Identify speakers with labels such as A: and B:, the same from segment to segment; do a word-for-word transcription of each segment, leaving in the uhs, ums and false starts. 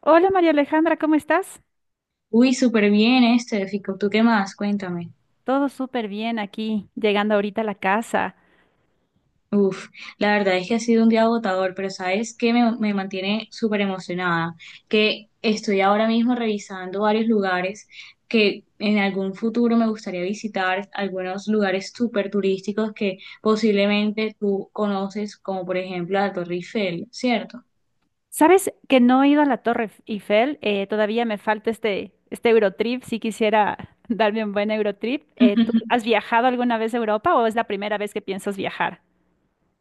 A: Hola María Alejandra, ¿cómo estás?
B: Uy, súper bien este, Fico. ¿Tú qué más? Cuéntame.
A: Todo súper bien aquí, llegando ahorita a la casa.
B: Uf, la verdad es que ha sido un día agotador, pero ¿sabes qué me, me mantiene súper emocionada? Que estoy ahora mismo revisando varios lugares que en algún futuro me gustaría visitar, algunos lugares súper turísticos que posiblemente tú conoces, como por ejemplo la Torre Eiffel, ¿cierto?
A: ¿Sabes que no he ido a la Torre Eiffel? Eh, todavía me falta este, este Eurotrip, si quisiera darme un buen Eurotrip. Eh, ¿tú has viajado alguna vez a Europa o es la primera vez que piensas viajar?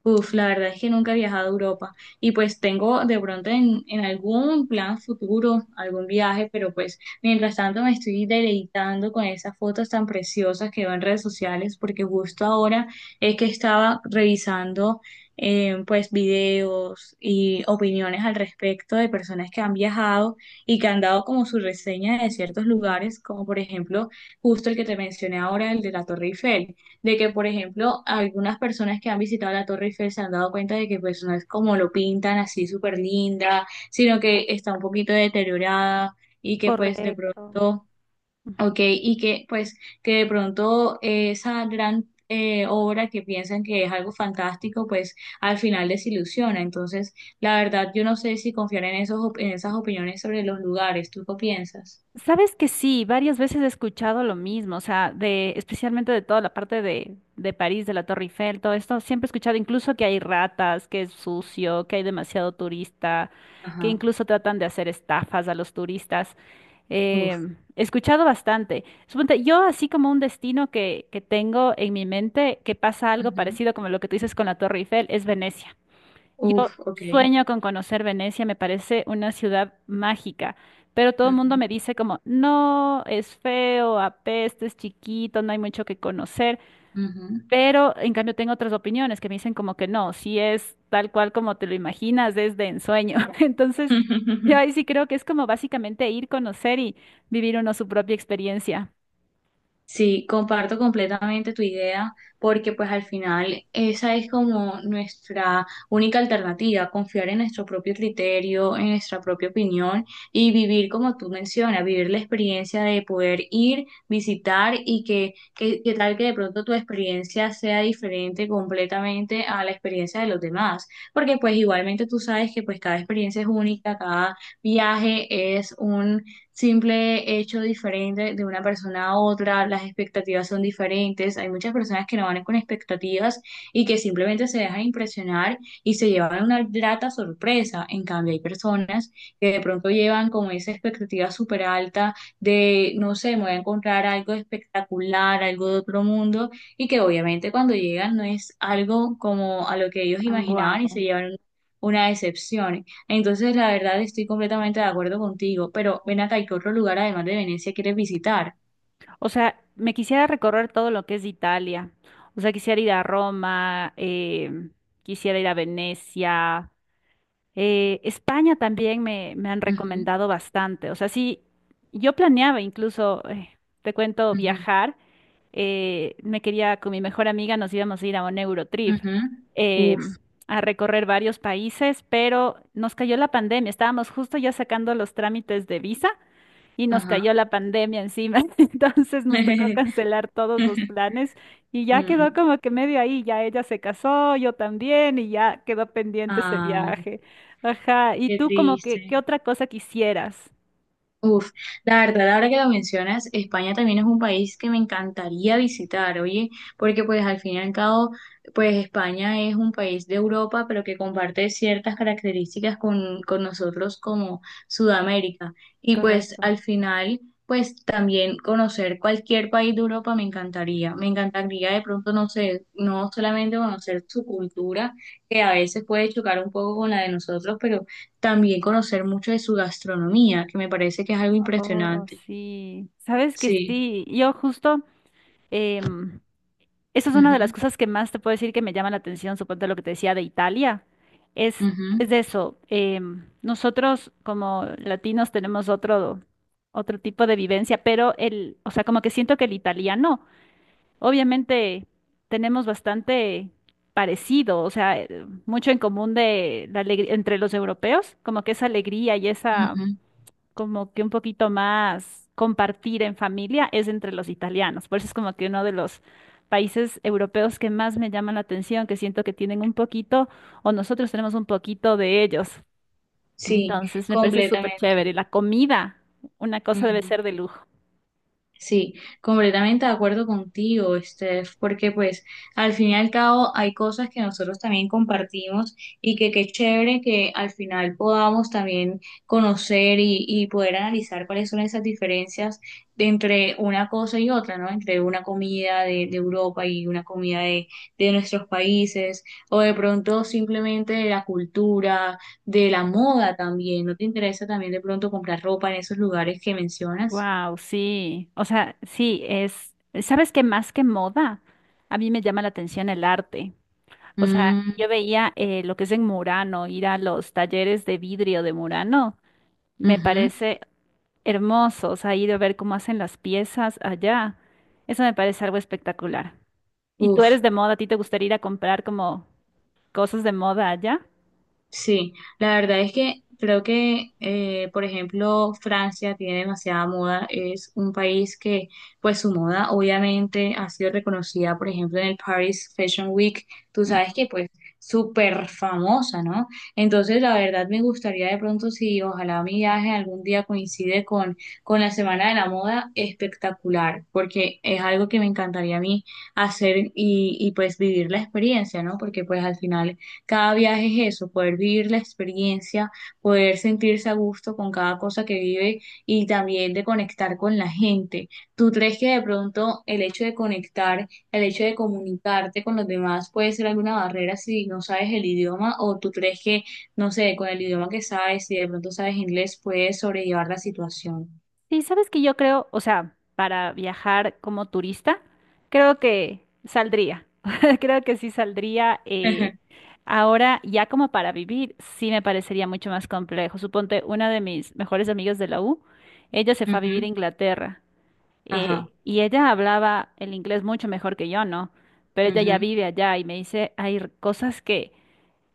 B: Uf, la verdad es que nunca he viajado a Europa y pues tengo de pronto en, en algún plan futuro, algún viaje, pero pues mientras tanto me estoy deleitando con esas fotos tan preciosas que veo en redes sociales porque justo ahora es que estaba revisando eh, pues videos y opiniones al respecto de personas que han viajado y que han dado como su reseña de ciertos lugares, como por ejemplo justo el que te mencioné ahora, el de la Torre Eiffel, de que, por ejemplo, algunas personas que han visitado la Torre Eiffel se han dado cuenta de que pues no es como lo pintan así súper linda, sino que está un poquito deteriorada y que pues de
A: Correcto.
B: pronto, ok, y que pues que de pronto eh, esa gran eh, obra que piensan que es algo fantástico, pues al final desilusiona. Entonces, la verdad, yo no sé si confiar en esos, op- en esas opiniones sobre los lugares. ¿Tú qué piensas?
A: Sabes que sí, varias veces he escuchado lo mismo, o sea, de, especialmente de toda la parte de, de París, de la Torre Eiffel, todo esto, siempre he escuchado incluso que hay ratas, que es sucio, que hay demasiado turista, que
B: Ajá.
A: incluso tratan de hacer estafas a los turistas.
B: Uf.
A: Em, he escuchado bastante. Suponte, yo así como un destino que, que tengo en mi mente, que pasa algo
B: Ujú.
A: parecido como lo que tú dices con la Torre Eiffel, es Venecia. Yo
B: Uf, ok.
A: sueño con conocer Venecia, me parece una ciudad mágica, pero todo el mundo
B: Ujú,
A: me dice como, no, es feo, apesta, es chiquito, no hay mucho que conocer, pero en cambio tengo otras opiniones que me dicen como que no, si es tal cual como te lo imaginas, es de ensueño. Entonces,
B: ujú.
A: yo ahí sí creo que es como básicamente ir, conocer y vivir uno su propia experiencia.
B: Sí, comparto completamente tu idea porque pues al final esa es como nuestra única alternativa, confiar en nuestro propio criterio, en nuestra propia opinión y vivir como tú mencionas, vivir la experiencia de poder ir, visitar y que, que, que tal que de pronto tu experiencia sea diferente completamente a la experiencia de los demás, porque pues igualmente tú sabes que pues cada experiencia es única, cada viaje es simple hecho diferente de una persona a otra, las expectativas son diferentes, hay muchas personas que no van con expectativas y que simplemente se dejan impresionar y se llevan una grata sorpresa, en cambio hay personas que de pronto llevan como esa expectativa súper alta de, no sé, me voy a encontrar algo espectacular, algo de otro mundo y que obviamente cuando llegan no es algo como a lo que ellos imaginaban y se
A: Guau.
B: llevan una decepción. Entonces, la verdad, estoy completamente de acuerdo contigo, pero ven acá, ¿y qué otro lugar además de Venecia quieres visitar?
A: O sea, me quisiera recorrer todo lo que es Italia. O sea, quisiera ir a Roma, em, quisiera ir a Venecia. eh, España también me, me han
B: Ujú,
A: recomendado bastante. O sea, sí, yo planeaba incluso, eh, te cuento,
B: ujú,
A: viajar. Eh, me quería, con mi mejor amiga, nos íbamos a ir a un Eurotrip.
B: ujú. Uf,
A: em, a recorrer varios países, pero nos cayó la pandemia. Estábamos justo ya sacando los trámites de visa y nos
B: ajá.
A: cayó la pandemia encima, entonces nos tocó cancelar todos los planes y ya quedó
B: Mm.
A: como que medio ahí, ya ella se casó, yo también y ya quedó pendiente ese
B: Ay,
A: viaje. Ajá, ¿y
B: qué
A: tú como que qué
B: triste.
A: otra cosa quisieras?
B: Uf, la verdad, ahora que lo mencionas, España también es un país que me encantaría visitar, oye, porque pues al fin y al cabo, pues España es un país de Europa, pero que comparte ciertas características con, con nosotros como Sudamérica. Y pues
A: Correcto.
B: al final, pues también conocer cualquier país de Europa me encantaría. Me encantaría de pronto, no sé, no solamente conocer su cultura, que a veces puede chocar un poco con la de nosotros, pero también conocer mucho de su gastronomía, que me parece que es algo
A: Oh,
B: impresionante.
A: sí. Sabes que
B: Sí,
A: sí, yo justo em, esa es una de las cosas que más te puedo decir que me llama la atención, suponte lo que te decía de Italia, es,
B: ujú,
A: es
B: ujú,
A: de eso. Em, nosotros como latinos tenemos otro, otro tipo de vivencia, pero el, o sea, como que siento que el italiano, obviamente tenemos bastante parecido, o sea, eh, mucho en común de la alegría entre los europeos, como que esa alegría y esa
B: ujú.
A: como que un poquito más compartir en familia es entre los italianos. Por eso es como que uno de los países europeos que más me llaman la atención, que siento que tienen un poquito, o nosotros tenemos un poquito de ellos.
B: Sí,
A: Entonces me parece súper
B: completamente.
A: chévere. La comida, una cosa debe
B: Ujú.
A: ser de lujo.
B: Sí, completamente de acuerdo contigo, Steph, porque pues al fin y al cabo hay cosas que nosotros también compartimos y que qué chévere que al final podamos también conocer y, y poder analizar cuáles son esas diferencias de entre una cosa y otra, ¿no? Entre una comida de, de Europa y una comida de, de nuestros países, o de pronto simplemente de la cultura, de la moda también. ¿No te interesa también de pronto comprar ropa en esos lugares que mencionas?
A: Wow, sí. O sea, sí, es, ¿sabes qué más que moda? A mí me llama la atención el arte. O sea, yo veía eh, lo que es en Murano, ir a los talleres de vidrio de Murano. Me
B: Ujú.
A: parece hermosos, ha ido a ver cómo hacen las piezas allá. Eso me parece algo espectacular. ¿Y tú
B: Uf,
A: eres de moda? ¿A ti te gustaría ir a comprar como cosas de moda allá?
B: sí, la verdad es que creo que, eh, por ejemplo, Francia tiene demasiada moda, es un país que, pues su moda obviamente ha sido reconocida, por ejemplo, en el Paris Fashion Week, tú sabes que pues súper famosa, ¿no? Entonces, la verdad me gustaría de pronto, si ojalá mi viaje algún día coincide con, con la Semana de la Moda, espectacular, porque es algo que me encantaría a mí hacer y, y pues vivir la experiencia, ¿no? Porque pues al final cada viaje es eso, poder vivir la experiencia, poder sentirse a gusto con cada cosa que vive y también de conectar con la gente. ¿Tú crees que de pronto el hecho de conectar, el hecho de comunicarte con los demás puede ser alguna barrera si no sabes el idioma o tú crees que, no sé, con el idioma que sabes, si de pronto sabes inglés, puedes sobrellevar la situación?
A: Sí, sabes que yo creo, o sea, para viajar como turista, creo que saldría. Creo que sí saldría. Eh, ahora, ya como para vivir, sí me parecería mucho más complejo. Suponte, una de mis mejores amigas de la U, ella se fue a vivir a
B: Ujú.
A: Inglaterra. Eh,
B: Ajá.
A: y ella hablaba el inglés mucho mejor que yo, ¿no? Pero ella ya
B: Ujú,
A: vive allá y me dice, hay r- cosas que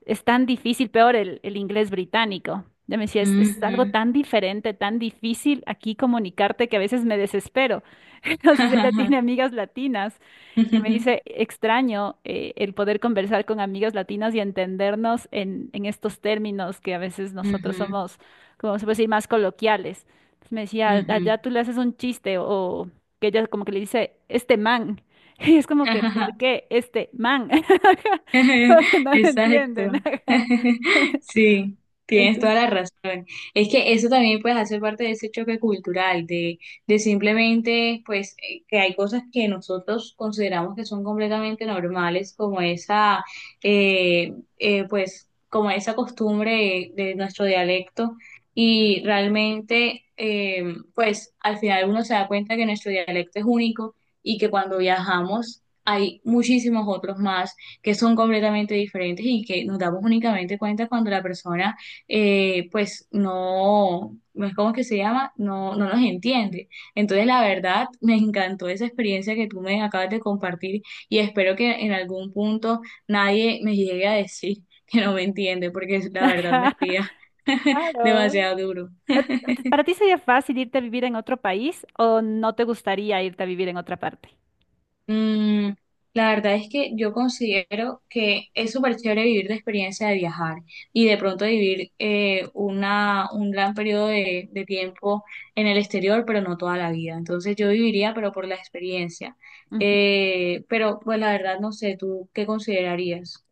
A: es tan difícil, peor el, el inglés británico. Ella me decía, es, es algo
B: ujú,
A: tan diferente, tan difícil aquí comunicarte que a veces me desespero. No sé si ella tiene amigas latinas, que me
B: ujú,
A: dice, extraño eh, el poder conversar con amigas latinas y entendernos en, en estos términos que a veces nosotros
B: ujú,
A: somos, como se puede decir, más coloquiales. Entonces me decía,
B: ujú,
A: allá tú le haces un chiste o que ella como que le dice, este man. Y es como que, ¿por qué este man? Porque no lo
B: Exacto.
A: entienden. Ajá.
B: Sí, tienes toda
A: Entonces,
B: la razón. Es que eso también pues hace parte de ese choque cultural, de, de simplemente pues eh, que hay cosas que nosotros consideramos que son completamente normales, como esa eh, eh, pues como esa costumbre de, de nuestro dialecto y realmente eh, pues al final uno se da cuenta que nuestro dialecto es único y que cuando viajamos hay muchísimos otros más que son completamente diferentes y que nos damos únicamente cuenta cuando la persona, eh, pues no, no es como que se llama, no, no nos entiende. Entonces, la verdad, me encantó esa experiencia que tú me acabas de compartir y espero que en algún punto nadie me llegue a decir que no me entiende, porque la verdad me
A: ajá,
B: haría
A: claro.
B: demasiado duro.
A: ¿A- a ¿Para ti sería fácil irte a vivir en otro país o no te gustaría irte a vivir en otra parte?
B: Mm, la verdad es que yo considero que es súper chévere vivir la experiencia de viajar y de pronto vivir eh, una, un gran periodo de, de tiempo en el exterior, pero no toda la vida. Entonces yo viviría, pero por la experiencia.
A: Ujú.
B: Eh, pero pues la verdad no sé, ¿tú qué considerarías?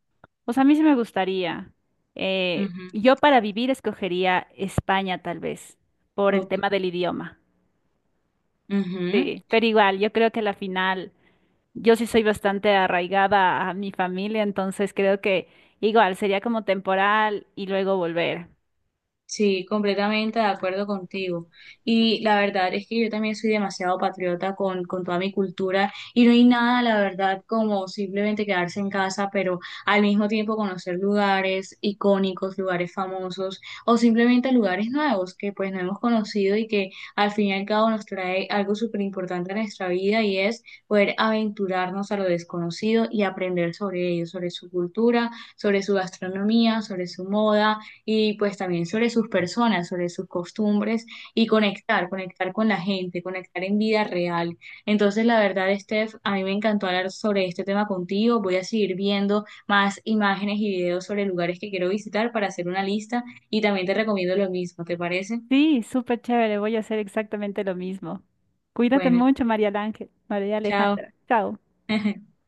A: Pues a mí sí me gustaría. Eh,
B: Ujú,
A: yo para vivir escogería España tal vez, por el
B: ok,
A: tema del idioma.
B: ujú.
A: Sí, pero igual, yo creo que a la final, yo sí soy bastante arraigada a mi familia, entonces creo que igual sería como temporal y luego volver.
B: Sí, completamente de acuerdo contigo. Y la verdad es que yo también soy demasiado patriota con, con toda mi cultura y no hay nada, la verdad, como simplemente quedarse en casa, pero al mismo tiempo conocer lugares icónicos, lugares famosos o simplemente lugares nuevos que pues no hemos conocido y que al fin y al cabo nos trae algo súper importante a nuestra vida y es poder aventurarnos a lo desconocido y aprender sobre ello, sobre su cultura, sobre su gastronomía, sobre su moda y pues también sobre sus personas, sobre sus costumbres y conectar, conectar con la gente, conectar en vida real. Entonces, la verdad, Steph, a mí me encantó hablar sobre este tema contigo. Voy a seguir viendo más imágenes y videos sobre lugares que quiero visitar para hacer una lista y también te recomiendo lo mismo, ¿te parece?
A: Sí, súper chévere, voy a hacer exactamente lo mismo. Cuídate
B: Bueno,
A: mucho, María Ángel, María
B: chao.
A: Alejandra. Chao.